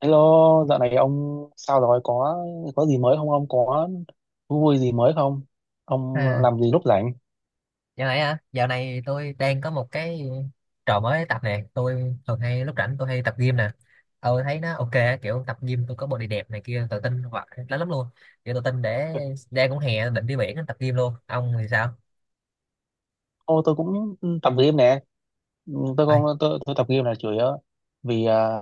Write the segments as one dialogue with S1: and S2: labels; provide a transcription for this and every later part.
S1: Hello, dạo này ông sao rồi? Có gì mới không? Ông có thú vui gì mới không? Ông
S2: À,
S1: làm gì lúc rảnh?
S2: dạo này á, dạo này tôi đang có một cái trò mới tập nè, tôi thường hay lúc rảnh tôi hay tập gym nè. Thấy nó ok á, kiểu tập gym tôi có body đẹp này kia tự tin hoặc lắm lắm luôn. Kiểu tự tin để đang cũng hè định đi biển tập gym luôn. Ông thì sao?
S1: Ô, tôi cũng tập game nè. Ừ, Tôi
S2: Ơi,
S1: không tôi tập game là chủ yếu vì à,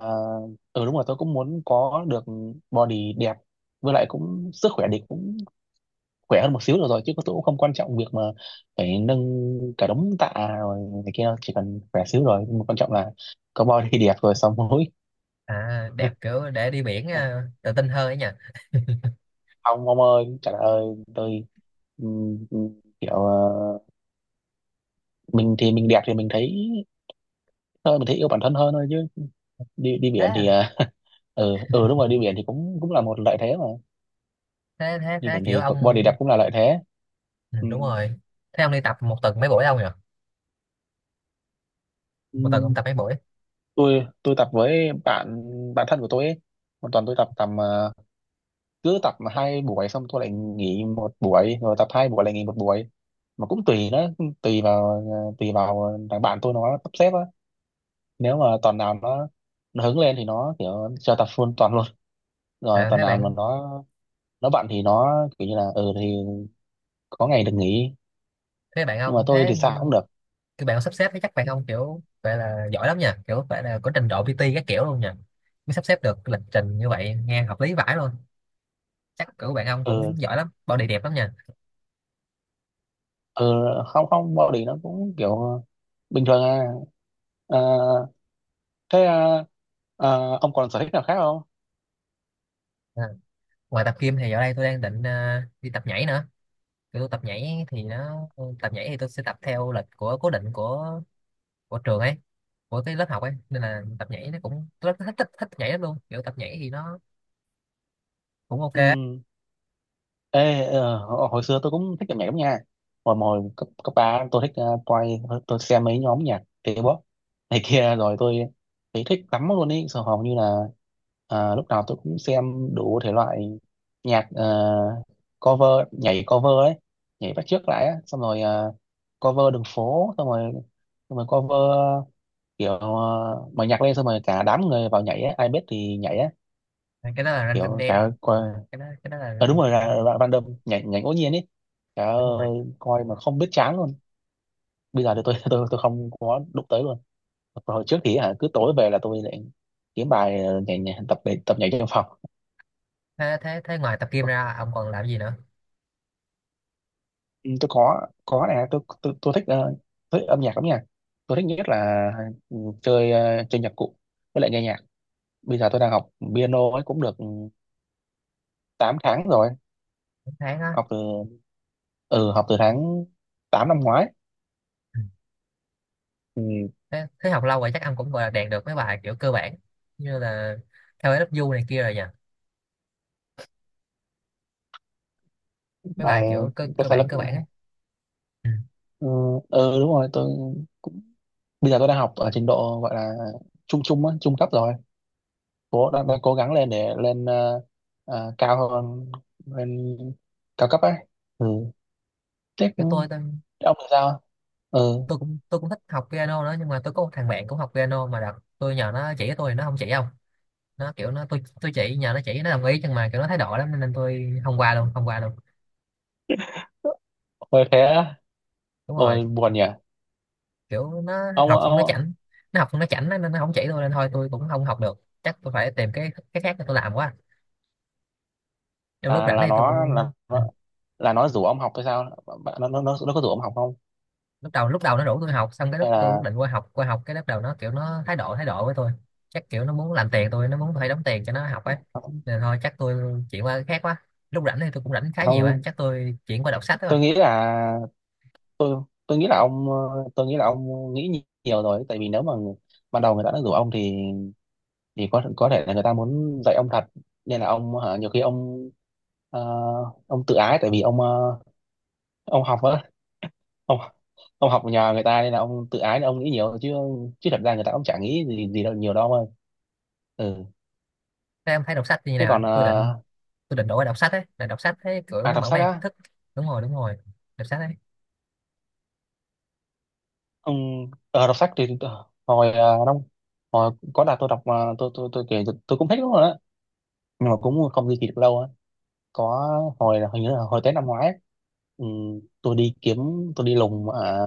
S1: ừ đúng rồi tôi cũng muốn có được body đẹp, với lại cũng sức khỏe thì cũng khỏe hơn một xíu được rồi, chứ tôi cũng không quan trọng việc mà phải nâng cả đống tạ rồi này kia đâu. Chỉ cần khỏe xíu rồi, nhưng mà quan trọng là có body đẹp rồi xong mũi.
S2: à, đẹp kiểu để đi biển à, tự tin hơn ấy nhỉ.
S1: Ông ơi trời ơi tôi, ừ, ừ, kiểu mình thì mình đẹp thì mình thấy thôi mình thấy yêu bản thân hơn thôi, chứ đi đi
S2: Thế
S1: biển thì
S2: à,
S1: ừ ừ đúng rồi đi biển thì cũng cũng là một lợi thế mà.
S2: thế thế
S1: Đi
S2: thế
S1: biển
S2: kiểu
S1: thì
S2: ông
S1: body đẹp cũng là lợi thế.
S2: ừ,
S1: Ừ.
S2: đúng rồi. Thế ông đi tập một tuần mấy buổi ông nhỉ? Một tuần ông
S1: Ừ,
S2: tập mấy buổi?
S1: tôi tập với bạn bạn thân của tôi ấy. Một tuần tôi tập tầm cứ tập 2 buổi xong tôi lại nghỉ 1 buổi rồi tập 2 buổi lại nghỉ một buổi, mà cũng tùy nó, tùy vào tùy vào thằng bạn tôi nó sắp xếp á. Nếu mà tuần nào nó hứng lên thì nó kiểu cho tập full tuần luôn, rồi
S2: À
S1: tuần nào mà nó bận thì nó kiểu như là ừ thì có ngày được nghỉ,
S2: thế bạn
S1: nhưng mà
S2: ông
S1: tôi
S2: thế
S1: thì sao cũng được.
S2: các bạn sắp xếp thì chắc bạn không kiểu vậy là giỏi lắm nha, kiểu phải là có trình độ PT các kiểu luôn nha, mới sắp xếp được lịch trình như vậy nghe hợp lý vãi luôn. Chắc kiểu bạn ông cũng
S1: Ừ
S2: giỏi lắm, body đẹp lắm nha.
S1: ừ không không bao đỉ nó cũng kiểu bình thường à. Ờ, thế à, ông còn sở thích nào khác không?
S2: À, ngoài tập gym thì giờ đây tôi đang định đi tập nhảy nữa. Kiểu tôi tập nhảy thì nó tập nhảy thì tôi sẽ tập theo lịch của cố định của trường ấy, của cái lớp học ấy, nên là tập nhảy nó cũng tôi rất thích, thích nhảy lắm luôn. Kiểu tập nhảy thì nó cũng ok
S1: Ừ.
S2: á.
S1: Ê, hồi hồi xưa tôi cũng thích âm nhạc lắm nha. Hồi hồi cấp cấp ba tôi thích, tôi xem mấy nhóm nhạc K-pop này kia, rồi tôi thấy thích lắm luôn ý. Rồi hầu như là lúc nào tôi cũng xem đủ thể loại nhạc, cover, nhảy cover ấy, nhảy bắt chước lại á, xong rồi cover đường phố, xong rồi cover kiểu mở nhạc lên xong rồi cả đám người vào nhảy á, ai biết thì nhảy á,
S2: Cái đó là random
S1: kiểu trời
S2: dance,
S1: ơi,
S2: cái đó là
S1: ờ đúng
S2: random
S1: rồi là
S2: dance.
S1: random nhảy nhảy ngẫu nhiên ấy. Trời
S2: Đúng rồi.
S1: ơi coi mà không biết chán luôn. Bây giờ thì tôi tôi không có đụng tới luôn. Còn hồi trước thì hả cứ tối về là tôi lại kiếm bài nhảy, nhảy để tập nhảy trong phòng.
S2: Thế thế thế ngoài tập gym ra ông còn làm gì nữa?
S1: Ừ, tôi có này tôi thích thích âm nhạc lắm nha. Tôi thích nhất là ừ, chơi chơi nhạc cụ, với lại nghe nhạc. Bây giờ tôi đang học piano ấy cũng được ừ, 8 tháng rồi.
S2: Một tháng á?
S1: Học từ tháng 8 năm ngoái.
S2: Ừ.
S1: Ừ,
S2: Thế, thế học lâu rồi chắc ông cũng gọi là đạt được mấy bài kiểu cơ bản, như là theo lớp du này kia rồi nhỉ, mấy bài
S1: bài
S2: kiểu cơ
S1: có sai lầm.
S2: cơ bản ấy. Ừ.
S1: Ờ, ờ, đúng rồi tôi cũng bây giờ tôi đang học ở trình độ gọi là trung trung á, trung cấp rồi, cố đang cố gắng lên để lên cao hơn, lên cao cấp ấy. Ừ. Thế
S2: kiểu
S1: cũng— thế ông thì sao? Ừ.
S2: tôi cũng thích học piano nữa, nhưng mà tôi có một thằng bạn cũng học piano, mà đợt tôi nhờ nó chỉ cho tôi nó không chỉ. Không, nó kiểu nó tôi chỉ nhờ nó chỉ, nó đồng ý nhưng mà kiểu nó thái độ lắm nên tôi không qua luôn, không qua luôn.
S1: Ôi thế á.
S2: Đúng rồi.
S1: Ôi buồn nhỉ.
S2: Kiểu nó
S1: ông
S2: học không nó
S1: ông
S2: chảnh, nó học không nó chảnh nên nó không chỉ tôi, nên thôi tôi cũng không học được, chắc tôi phải tìm cái khác để tôi làm quá. Trong lúc
S1: là
S2: rảnh này tôi cũng à,
S1: nó rủ ông học hay sao? Bạn— nó có rủ ông học không?
S2: lúc đầu nó rủ tôi học, xong cái lúc
S1: Hay
S2: tôi quyết
S1: là
S2: định qua học, qua học cái lúc đầu nó kiểu nó thái độ với tôi. Chắc kiểu nó muốn làm tiền tôi, nó muốn phải đóng tiền cho nó học ấy, nên thôi chắc tôi chuyển qua cái khác quá. Lúc rảnh thì tôi cũng rảnh khá nhiều á,
S1: không?
S2: chắc tôi chuyển qua đọc sách đó.
S1: Tôi nghĩ là tôi nghĩ là ông nghĩ nhiều rồi, tại vì nếu mà ban đầu người ta đã rủ ông thì có thể là người ta muốn dạy ông thật, nên là ông hả, nhiều khi ông ờ, ông tự ái, tại vì ông ông học á ông ông học nhờ người ta nên là ông tự ái, nên ông nghĩ nhiều chứ. Chứ thật ra người ta cũng chả nghĩ gì gì đâu nhiều đâu ông ơi. Ừ.
S2: Các em thấy đọc sách như thế
S1: Thế
S2: nào?
S1: còn
S2: Tôi định, tôi định đổi qua đọc sách ấy, là đọc sách thấy kiểu
S1: à
S2: nó
S1: đọc
S2: mở
S1: sách
S2: mang kiến
S1: á.
S2: thức. Đúng rồi, đọc sách ấy.
S1: Ông đọc sách thì ờ, hồi ờ, năm hồi có đợt tôi đọc, mà tôi kể tôi cũng thích lắm rồi á, nhưng mà cũng không duy trì được lâu á. Có hồi là hình như là hồi Tết năm ngoái ấy, ừ, tôi đi kiếm, tôi đi lùng ở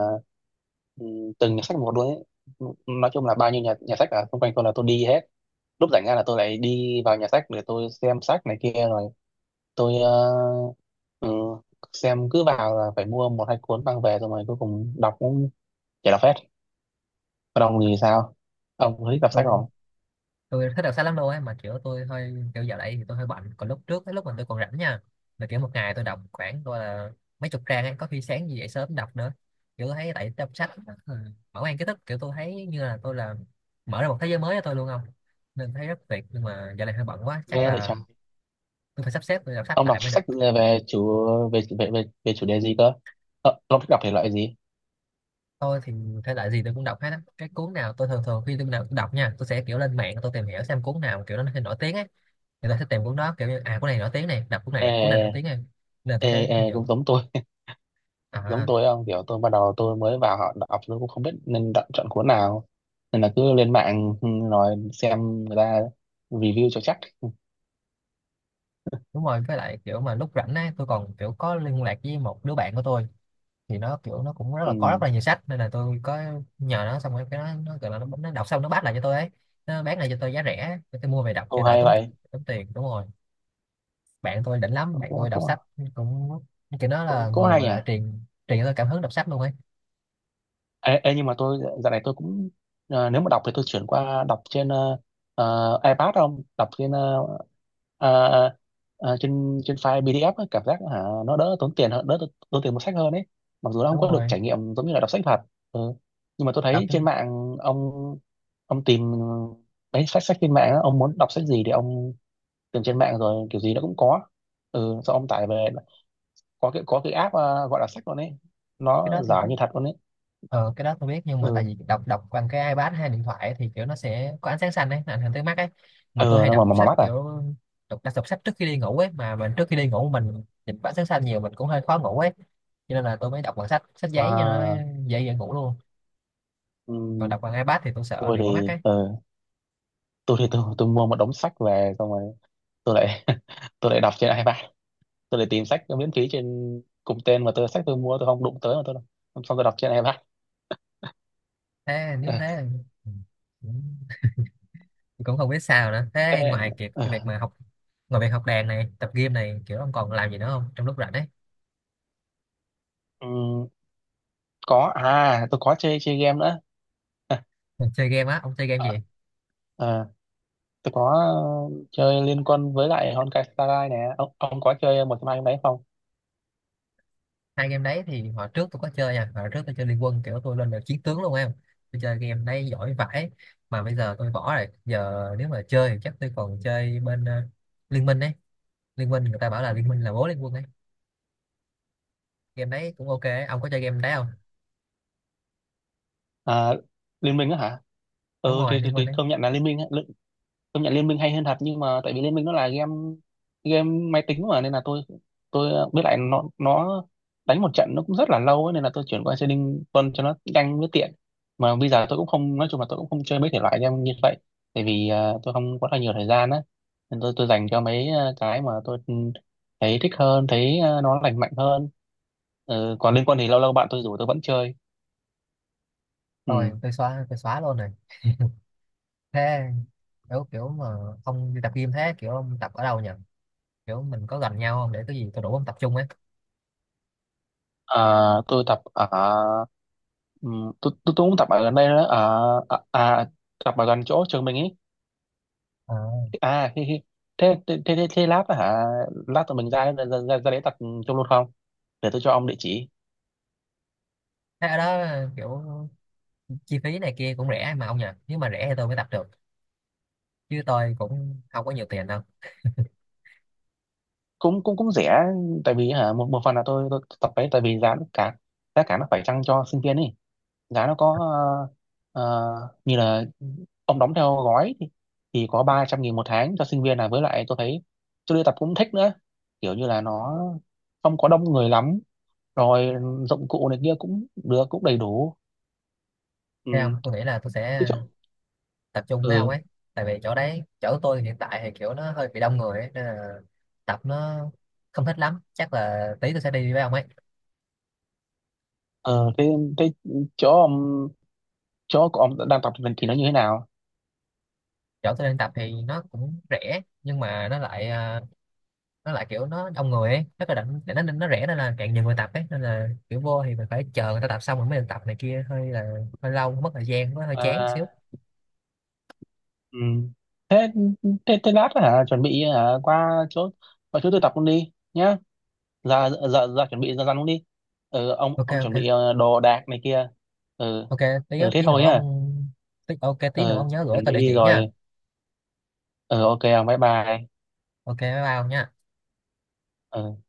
S1: ừ, từng nhà sách một luôn ấy. Nói chung là bao nhiêu nhà nhà sách ở xung quanh tôi là tôi đi hết. Lúc rảnh ra là tôi lại đi vào nhà sách để tôi xem sách này kia, rồi tôi ừ, xem, cứ vào là phải mua 1 2 cuốn mang về, rồi mà cuối cùng đọc cũng chả đọc hết. Còn ông thì sao, ông có thích đọc sách
S2: tôi
S1: không?
S2: tôi thích đọc sách lắm luôn ấy, mà kiểu tôi hơi kiểu giờ đấy thì tôi hơi bận, còn lúc trước cái lúc mà tôi còn rảnh nha, là kiểu một ngày tôi đọc khoảng tôi là mấy chục trang ấy, có khi sáng gì dậy sớm đọc nữa. Kiểu thấy tại đọc sách ừ, mở mang kiến thức, kiểu tôi thấy như là tôi là mở ra một thế giới mới cho tôi luôn không, nên thấy rất tuyệt. Nhưng mà giờ này hơi bận quá chắc
S1: Nghe vậy
S2: là
S1: chẳng.
S2: tôi phải sắp xếp tôi đọc sách
S1: Ông đọc
S2: lại mới
S1: sách
S2: được.
S1: về chủ về chủ đề gì cơ? Ờ, ông thích đọc thể loại gì?
S2: Tôi thì thể loại gì tôi cũng đọc hết á. Cái cuốn nào tôi thường thường khi tôi đọc nha, tôi sẽ kiểu lên mạng tôi tìm hiểu xem cuốn nào kiểu nó nổi tiếng ấy, người ta sẽ tìm cuốn đó, kiểu như à cuốn này nổi tiếng này, đọc cuốn này, cuốn này nổi tiếng
S1: ê
S2: này, nên là
S1: ê
S2: tôi sẽ
S1: ê cũng
S2: nhận.
S1: giống tôi. Giống
S2: À
S1: tôi không? Kiểu tôi bắt đầu tôi mới vào họ đọc tôi cũng không biết nên đọc, chọn cuốn nào, nên là cứ lên mạng ừ, rồi xem người ta review cho chắc.
S2: đúng rồi, với lại kiểu mà lúc rảnh ấy, tôi còn kiểu có liên lạc với một đứa bạn của tôi, thì nó kiểu nó cũng rất
S1: Ừ.
S2: là có rất là nhiều sách, nên là tôi có nhờ nó, xong rồi cái nó kiểu là nó đọc xong nó bắt lại cho tôi ấy, nó bán lại cho tôi giá rẻ để tôi mua về đọc
S1: Ô
S2: cho đỡ
S1: hay
S2: tốn,
S1: vậy.
S2: tốn tiền. Đúng rồi, bạn tôi đỉnh lắm,
S1: Cũng
S2: bạn
S1: cũng
S2: tôi đọc
S1: cũng,
S2: sách cũng kiểu nó là
S1: cũng,
S2: người
S1: hay
S2: gọi
S1: nhỉ.
S2: là truyền truyền cho tôi cảm hứng đọc sách luôn ấy.
S1: Ê, ê, nhưng mà tôi dạo này tôi cũng nếu mà đọc thì tôi chuyển qua đọc trên iPad, không đọc trên ờ, trên trên file PDF ấy, cảm giác hả nó đỡ tốn tiền hơn, đỡ tốn tiền mua sách hơn ấy, mặc dù nó không
S2: Đúng
S1: có được
S2: rồi.
S1: trải nghiệm giống như là đọc sách thật. Ừ. Nhưng mà tôi
S2: Đọc
S1: thấy trên
S2: trên
S1: mạng ông tìm mấy sách sách trên mạng á, ông muốn đọc sách gì thì ông tìm trên mạng rồi kiểu gì nó cũng có. Ừ sau ông tải về có cái app gọi là sách luôn ấy,
S2: cái đó
S1: nó
S2: tôi
S1: giả như thật luôn ấy.
S2: ờ cái đó tôi biết, nhưng mà tại
S1: Ừ.
S2: vì đọc đọc bằng cái iPad hay điện thoại ấy, thì kiểu nó sẽ có ánh sáng xanh ấy, nó ảnh hưởng tới mắt ấy. Mà tôi
S1: Ờ
S2: hay
S1: nó
S2: đọc
S1: mà
S2: sách
S1: mắt à.
S2: kiểu đọc đọc, đọc sách trước khi đi ngủ ấy, mà mình trước khi đi ngủ mình nhìn ánh sáng xanh nhiều mình cũng hơi khó ngủ ấy, cho nên là tôi mới đọc bằng sách sách giấy cho nó
S1: À,
S2: dễ dễ ngủ luôn. Còn
S1: ừm,
S2: đọc bằng iPad thì tôi sợ
S1: tôi
S2: bị mỏi mắt
S1: thì
S2: ấy.
S1: tôi mua một đống sách về, xong rồi tôi lại tôi lại đọc trên iPad. Tôi lại tìm sách miễn phí trên cùng tên, mà sách tôi mua tôi không đụng tới, mà tôi đọc xong tôi đọc trên iPad.
S2: Thế nếu
S1: Ờ,
S2: thế ừ, cũng cũng không biết sao nữa. Thế
S1: thế,
S2: ngoài việc việc
S1: ờ,
S2: mà học, ngoài việc học đàn này tập game này, kiểu ông còn làm gì nữa không trong lúc rảnh ấy?
S1: ừm, có à tôi có chơi chơi game nữa.
S2: Mình chơi game á? Ông chơi game gì?
S1: Ờ, ờ, tôi có chơi Liên Quân với lại Honkai Star Rail nè, ông có chơi một trong hai cái đấy không?
S2: Hai game đấy thì hồi trước tôi có chơi nha, hồi trước tôi chơi Liên Quân, kiểu tôi lên được chiến tướng luôn em, tôi chơi game đấy giỏi vãi. Mà bây giờ tôi bỏ rồi, giờ nếu mà chơi thì chắc tôi còn chơi bên Liên Minh ấy. Liên Minh người ta bảo là Liên Minh là bố Liên Quân ấy, game đấy cũng ok ấy. Ông có chơi game đấy không?
S1: À, Liên Minh á hả?
S2: Đúng
S1: Ừ
S2: rồi,
S1: thì, thì,
S2: Liên Minh
S1: thì
S2: ấy.
S1: công nhận là Liên Minh á. Công nhận Liên Minh hay hơn thật, nhưng mà tại vì Liên Minh nó là game game máy tính mà, nên là tôi biết lại nó đánh một trận nó cũng rất là lâu ấy, nên là tôi chuyển qua chơi Trading quân cho nó nhanh với tiện. Mà bây giờ tôi cũng không, nói chung là tôi cũng không chơi mấy thể loại game như vậy, tại vì tôi không có là nhiều thời gian á, nên tôi dành cho mấy cái mà tôi thấy thích hơn, thấy nó lành mạnh hơn. Ừ, còn liên quân thì lâu lâu bạn tôi rủ tôi vẫn chơi. Ừ.
S2: Tôi xóa, tôi xóa luôn rồi. Thế kiểu kiểu mà ông đi tập game, thế kiểu ông tập ở đâu nhỉ? Kiểu mình có gần nhau không để cái gì tôi đủ ông tập trung ấy.
S1: À tôi tập ở tôi cũng tập ở gần đây đó ở à, tập ở gần chỗ trường mình ấy.
S2: Ờ.
S1: À hi, hi. Thế, thế thế thế thế lát á hả, lát tụi mình ra ra đấy tập chung luôn không, để tôi cho ông địa chỉ.
S2: Thế ở đó kiểu chi phí này kia cũng rẻ mà ông nhỉ? Nếu mà rẻ thì tôi mới tập được, chứ tôi cũng không có nhiều tiền đâu.
S1: Cũng cũng cũng rẻ, tại vì hả một một phần là tôi tập đấy tại vì giá nó cả, giá cả nó phải chăng cho sinh viên ấy. Giá nó có như là ông đóng theo gói thì có 300.000 1 tháng cho sinh viên này, với lại tôi thấy tôi đi tập cũng thích nữa, kiểu như là nó không có đông người lắm, rồi dụng cụ này kia cũng được, cũng đầy đủ. Ừ.
S2: Thế không, tôi nghĩ là tôi
S1: Cái
S2: sẽ
S1: chỗ.
S2: tập trung với ông
S1: Ừ.
S2: ấy. Tại vì chỗ đấy chỗ tôi hiện tại thì kiểu nó hơi bị đông người ấy, nên là tập nó không thích lắm, chắc là tí tôi sẽ đi với ông ấy.
S1: Ờ, thế, thế chỗ ông, chỗ của ông đang tập thì nó như thế nào?
S2: Chỗ tôi đang tập thì nó cũng rẻ nhưng mà nó lại à, nó lại kiểu nó đông người ấy, nó có định nó rẻ nên là càng nhiều người tập ấy, nên là kiểu vô thì mình phải chờ người ta tập xong rồi mới được tập này kia, hơi là hơi lâu mất thời gian, nó hơi chán xíu.
S1: À, ừ. Thế, thế lát hả, chuẩn bị hả, qua chỗ, qua chỗ tôi tập luôn đi nhá, ra ra ra chuẩn bị ra răn cũng đi, ừ, ông
S2: ok
S1: ông
S2: ok
S1: chuẩn bị đồ đạc này kia. Ừ.
S2: ok, tí
S1: Ừ thế
S2: tí
S1: thôi
S2: nữa ông,
S1: nhá.
S2: tí, ok tí nữa
S1: Ừ
S2: ông nhớ gửi
S1: chuẩn
S2: tôi
S1: bị
S2: địa
S1: đi
S2: chỉ
S1: rồi.
S2: nha.
S1: Ừ ok ông bye bye.
S2: Ok, bye bye ông nha.
S1: Ừ